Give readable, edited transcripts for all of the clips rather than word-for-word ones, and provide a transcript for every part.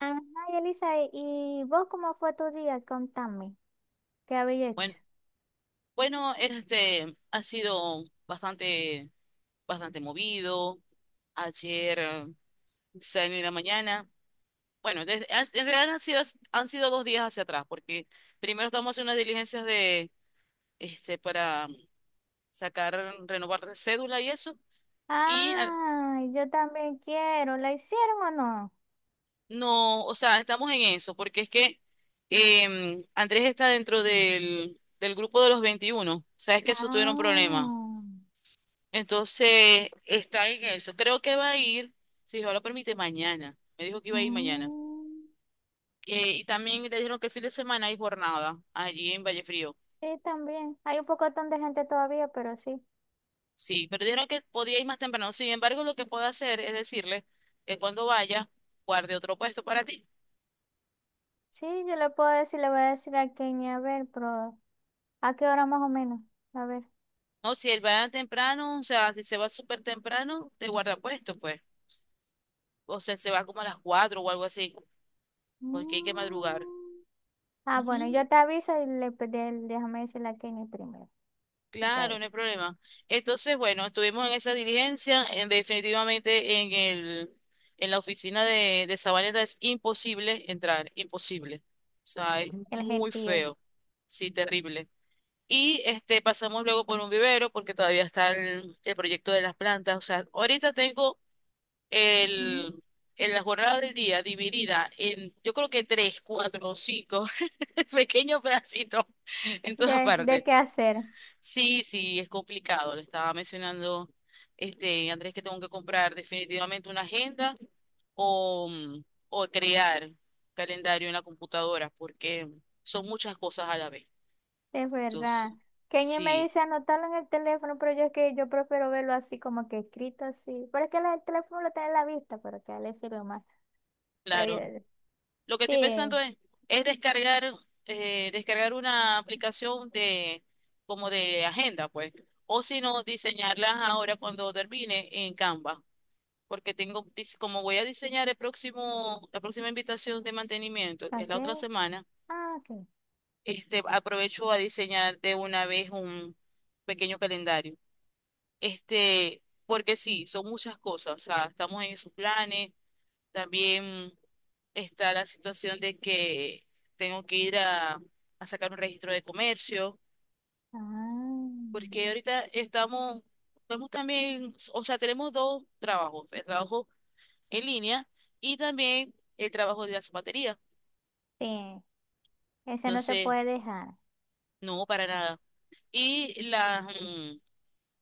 Ajá, Elisa, ¿y vos cómo fue tu día? Contame, ¿qué habéis hecho? Bueno, bueno, este ha sido bastante movido. Ayer salí de la mañana. Bueno, en realidad han sido dos días hacia atrás, porque primero estamos haciendo unas diligencias de, para sacar, renovar cédula y eso. Y Ah, yo también quiero. ¿La hicieron o no? no, o sea, estamos en eso, porque es que Andrés está dentro del grupo de los 21. Sabes que eso tuvieron problemas. Ah, Entonces, está en eso. Creo que va a ir, si Dios lo permite, mañana. Me dijo que iba a ir mañana. mm, Que, y también le dijeron que el fin de semana hay jornada allí en Vallefrío. sí, también. Hay un pocotón de gente todavía, pero sí. Sí, pero dijeron que podía ir más temprano. Sin embargo, lo que puedo hacer es decirle que cuando vaya, guarde otro puesto para ti. Sí, yo le puedo decir, le voy a decir a Kenny, a ver, pero ¿a qué hora más o menos? A ver. No, si él va temprano, o sea, si se va súper temprano, te guarda puesto, pues. O sea, se va como a las 4 o algo así, porque hay que madrugar. Mm. Ah, bueno, Ujú. yo te aviso y déjame decirle a Kenny primero. Y te Claro, no aviso. hay problema. Entonces, bueno, estuvimos en esa diligencia, definitivamente en en la oficina de Sabaneta es imposible entrar, imposible. O sea, es El muy gentío. feo, sí, terrible. Y pasamos luego por un vivero porque todavía está el proyecto de las plantas. O sea, ahorita tengo Ujú. el, en la jornada del día dividida en, yo creo que tres, cuatro o cinco pequeños pedacitos en todas De partes. qué hacer. Sí, sí, es complicado. Le estaba mencionando, Andrés, que tengo que comprar definitivamente una agenda o, mm, o crear calendario en la computadora, porque son muchas cosas a la vez. Es Entonces, verdad. Kenny me sí, dice anotarlo en el teléfono, pero yo es que yo prefiero verlo así como que escrito así. Pero es que el teléfono lo tiene en la vista, pero que a él le sirve más. Pero claro. yo, Lo que estoy pensando sí, es descargar, descargar una aplicación de, como de agenda, pues. O si no, diseñarlas ahora cuando termine en Canva. Porque tengo, como voy a diseñar la próxima invitación de mantenimiento, que ¿para es la qué? otra semana, Ah, ok. Aprovecho a diseñar de una vez un pequeño calendario. Este, porque sí, son muchas cosas, o sea, estamos en esos planes, también está la situación de que tengo que ir a sacar un registro de comercio, Ah, porque ahorita estamos también, o sea, tenemos dos trabajos, el trabajo en línea y también el trabajo de la zapatería. sí, ese no se Entonces, puede dejar. no, para nada. Y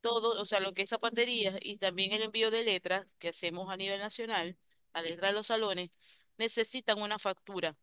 todo, o sea, lo que es zapatería y también el envío de letras que hacemos a nivel nacional, a letras de los salones, necesitan una factura.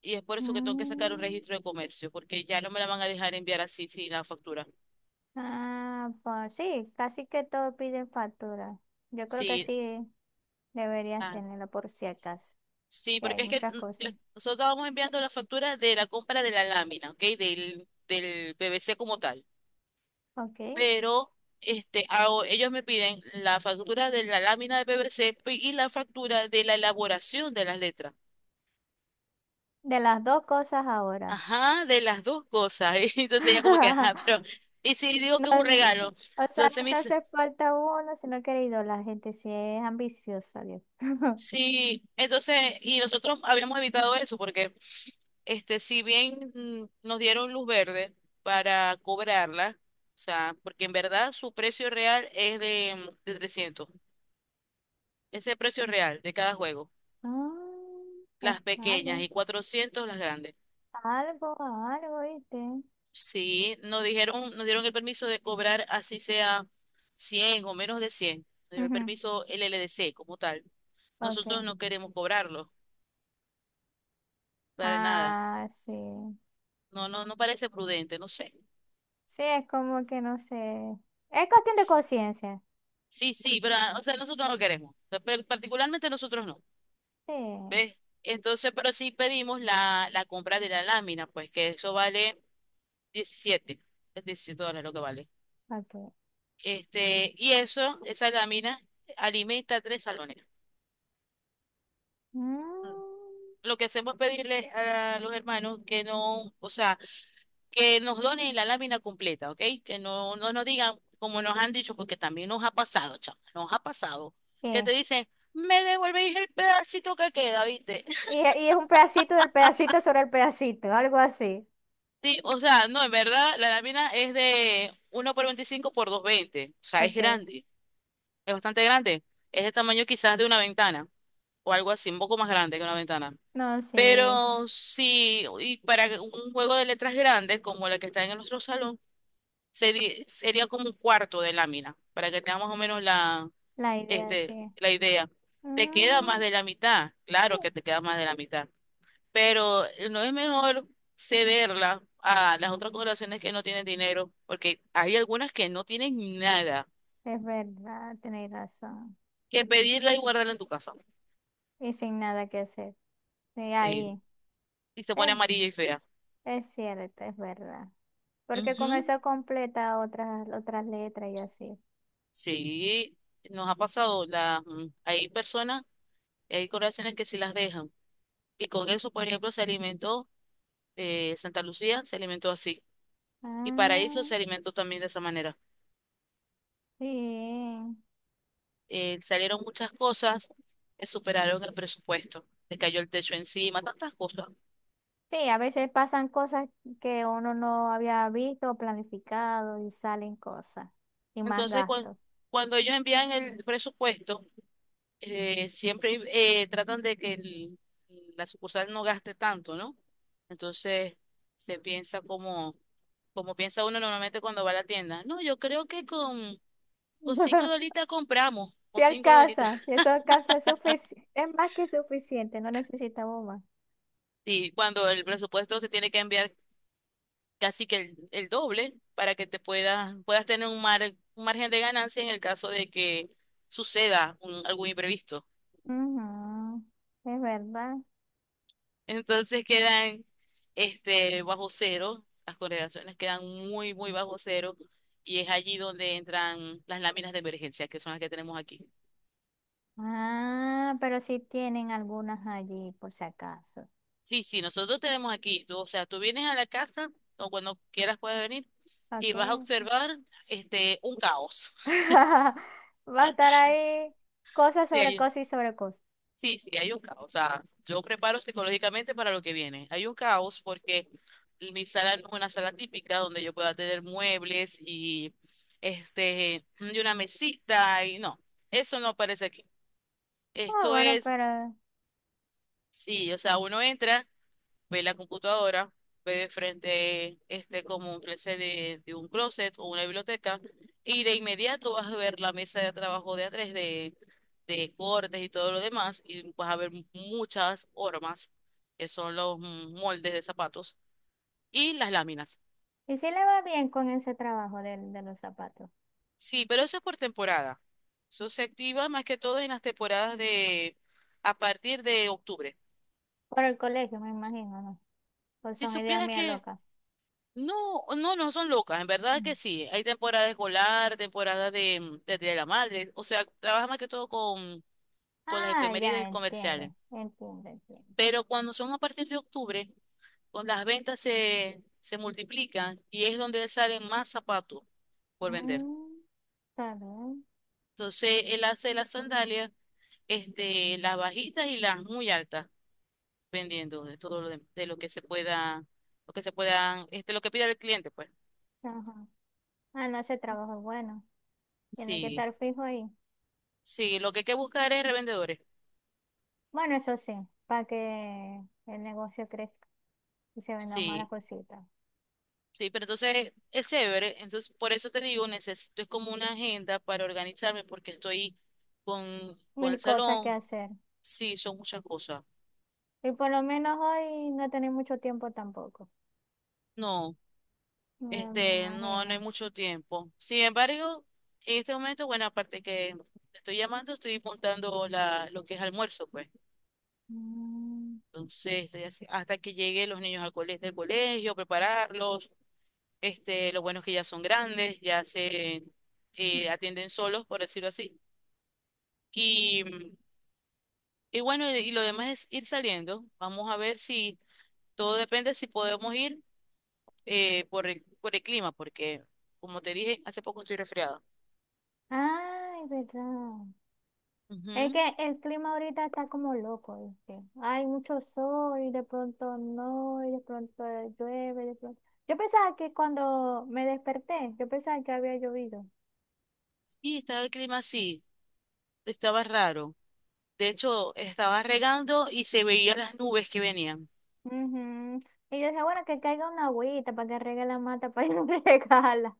Y es por eso que tengo que sacar un Mm. registro de comercio, porque ya no me la van a dejar enviar así sin la factura. Ah, pues sí, casi que todos piden factura. Yo creo que Sí, sí deberías ah, tenerlo por si acaso, sí, que hay porque es que muchas cosas. nosotros estábamos enviando la factura de la compra de la lámina, ¿ok? Del PVC como tal. Ok, Pero ellos me piden la factura de la lámina de PVC y la factura de la elaboración de las letras. de las dos cosas ahora. Ajá, de las dos cosas. Y entonces ella como que, ajá, pero, y si digo No, que es un regalo, o sea, entonces no me te dice, hace falta uno si no querido. La gente sí es ambiciosa, Dios. sí, entonces, y nosotros habíamos evitado eso porque, si bien nos dieron luz verde para cobrarla, o sea, porque en verdad su precio real es de 300. Ese precio real de cada juego. Ah, es Las pequeñas algo, y 400 las grandes. algo, algo, ¿viste? Sí, nos dijeron, nos dieron el permiso de cobrar así sea 100 o menos de 100. Nos dio el Ujú. permiso LLDC como tal. Nosotros Ok. no queremos cobrarlo para nada. Ah, sí. No, no, no parece prudente, no sé. Sí, es como que no sé. Es cuestión de conciencia. Sí, sí, pero ah, o sea, nosotros no queremos. Pero particularmente nosotros no. Sí, ¿Ves? Entonces, pero sí pedimos la compra de la lámina, pues que eso vale 17, es $17 lo que vale. ok. Este, y eso, esa lámina alimenta tres salones. Mm, Lo que hacemos es pedirle a los hermanos que no, o sea, que nos donen la lámina completa, ¿ok? Que no, no nos digan como nos han dicho, porque también nos ha pasado, chama, nos ha pasado, que te ¿Qué? dicen, me devolvéis el pedacito que queda, ¿viste? Y es un pedacito del pedacito sobre el pedacito, algo así. Sí, o sea, no, en verdad, la lámina es de 1 por 25 por 220, o sea, es Ok. grande, es bastante grande, es de tamaño quizás de una ventana, o algo así, un poco más grande que una ventana. No, sí. Pero sí, y para que un juego de letras grandes como la que está en nuestro salón, sería como un cuarto de lámina, para que tenga más o menos La idea, este, sí. la idea. Te queda más Mm, de la mitad, sí. claro que te queda más de la mitad, pero no es mejor cederla a las otras corporaciones que no tienen dinero, porque hay algunas que no tienen nada, Es verdad, tenéis razón. que pedirla y guardarla en tu casa. Y sin nada que hacer. Y Sí, ahí, y se pone eh, amarilla y fea. es cierto, es verdad. Porque con Ujú. eso completa otras, otras letras y así. Sí, nos ha pasado, hay personas, hay corporaciones que sí las dejan. Y con eso, por ejemplo, se alimentó Santa Lucía, se alimentó así. Y Paraíso Ah, se alimentó también de esa manera. bien. Salieron muchas cosas que superaron el presupuesto. Le cayó el techo encima, tantas cosas. Sí, a veces pasan cosas que uno no había visto o planificado y salen cosas. Y más Entonces, gastos. cuando ellos envían el presupuesto, eh, siempre tratan de que la sucursal no gaste tanto, ¿no? Entonces se piensa como, como piensa uno normalmente cuando va a la tienda. No, yo creo que con cinco dolitas compramos, Si con cinco dolitas. alcanza, si eso alcanza, es es más que suficiente, no necesitamos más. Y cuando el presupuesto se tiene que enviar casi que el doble para que te puedas tener un, mar, un margen de ganancia en el caso de que suceda algún imprevisto. Ujú. Es verdad. Entonces quedan bajo cero, las correlaciones quedan muy, muy bajo cero y es allí donde entran las láminas de emergencia, que son las que tenemos aquí. Ah, pero sí tienen algunas allí, por si acaso. Sí, sí, nosotros tenemos aquí, tú, o sea, tú vienes a la casa o cuando quieras puedes venir y Ok. vas a observar un caos. Va a estar ahí cosas sobre Sí, cosas y sobre cosas. sí, sí, hay un caos. O sea, yo preparo psicológicamente para lo que viene. Hay un caos porque mi sala no es una sala típica donde yo pueda tener muebles y este y una mesita y no, eso no aparece aquí. Ah, Esto bueno, es, pero... sí, o sea, uno entra, ve la computadora, ve de frente este como un closet de un closet o una biblioteca y de inmediato vas a ver la mesa de trabajo de A3 de cortes y todo lo demás, y vas a ver muchas hormas, que son los moldes de zapatos, y las láminas. ¿Y si le va bien con ese trabajo de los zapatos? Sí, pero eso es por temporada. Eso se activa más que todo en las temporadas de a partir de octubre. Por el colegio, me imagino, ¿no? Pues Si son ideas supieras mías que locas. no, no, no son locas, en verdad Mm. que sí. Hay temporada escolar, temporada de Día de la madre, o sea, trabaja más que todo con las Ah, ya, efemérides entiendo, comerciales. entiendo, entiendo. Pero cuando son a partir de octubre, con las ventas se multiplican y es donde salen más zapatos por vender. Mm, está bien. Entonces, él hace las sandalias, las bajitas y las muy altas, vendiendo de todo de lo que se pueda, lo que se puedan, este, lo que pida el cliente, pues. Ajá. Ah, no, ese trabajo es bueno. Tiene que Sí, estar fijo ahí. sí, lo que hay que buscar es revendedores. Bueno, eso sí, para que el negocio crezca y se vendrán más las Sí, cositas. sí, pero entonces es chévere. Entonces, por eso te digo, necesito, es como una agenda para organizarme porque estoy con Mil el cosas que salón. hacer. Sí, son muchas cosas. Y por lo menos hoy no tenéis mucho tiempo tampoco. No. Bueno, me Este, no, no hay imagino. mucho tiempo. Sin embargo, en este momento, bueno, aparte que te estoy llamando, estoy apuntando lo que es almuerzo, pues. Mm. Entonces, hasta que lleguen los niños al colegio, del colegio, prepararlos. Este, lo bueno es que ya son grandes, ya se atienden solos, por decirlo así. Y, y bueno, y lo demás es ir saliendo. Vamos a ver si todo depende si podemos ir por por el clima, porque como te dije, hace poco estoy resfriada. Ay, verdad. Es Ujú. que el clima ahorita está como loco, ¿viste? Hay mucho sol y de pronto no, y de pronto llueve, de pronto. Yo pensaba que cuando me desperté, yo pensaba que había llovido. Sí, estaba el clima así, estaba raro. De hecho, estaba regando y se veían las nubes que venían. Ujú. Y yo dije, bueno, que caiga una agüita para que riegue la mata, para que regala.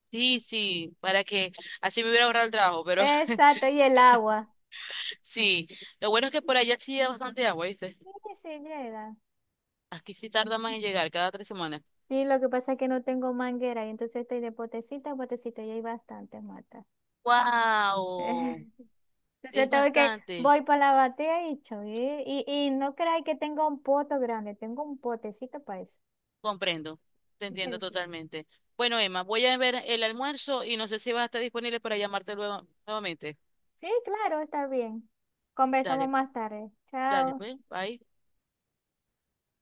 Sí, sí, para que así me hubiera ahorrado el trabajo, pero Exacto, y el agua. sí. Lo bueno es que por allá sí hay bastante agua, ¿viste? Sí, sí llega. Aquí sí tarda más en llegar, cada tres semanas. Sí, lo que pasa es que no tengo manguera y entonces estoy de potecita a potecita y hay bastantes matas. ¡Wow! Es Entonces tengo que, bastante. voy para la batea y cho, y no creáis que tengo un poto grande, tengo un potecito para eso. Comprendo, te entiendo Entonces, totalmente. Bueno, Emma, voy a ver el almuerzo y no sé si vas a estar disponible para llamarte luego nuevamente. sí, claro, está bien. Conversamos Dale, más tarde. dale, Chao. pues, bye.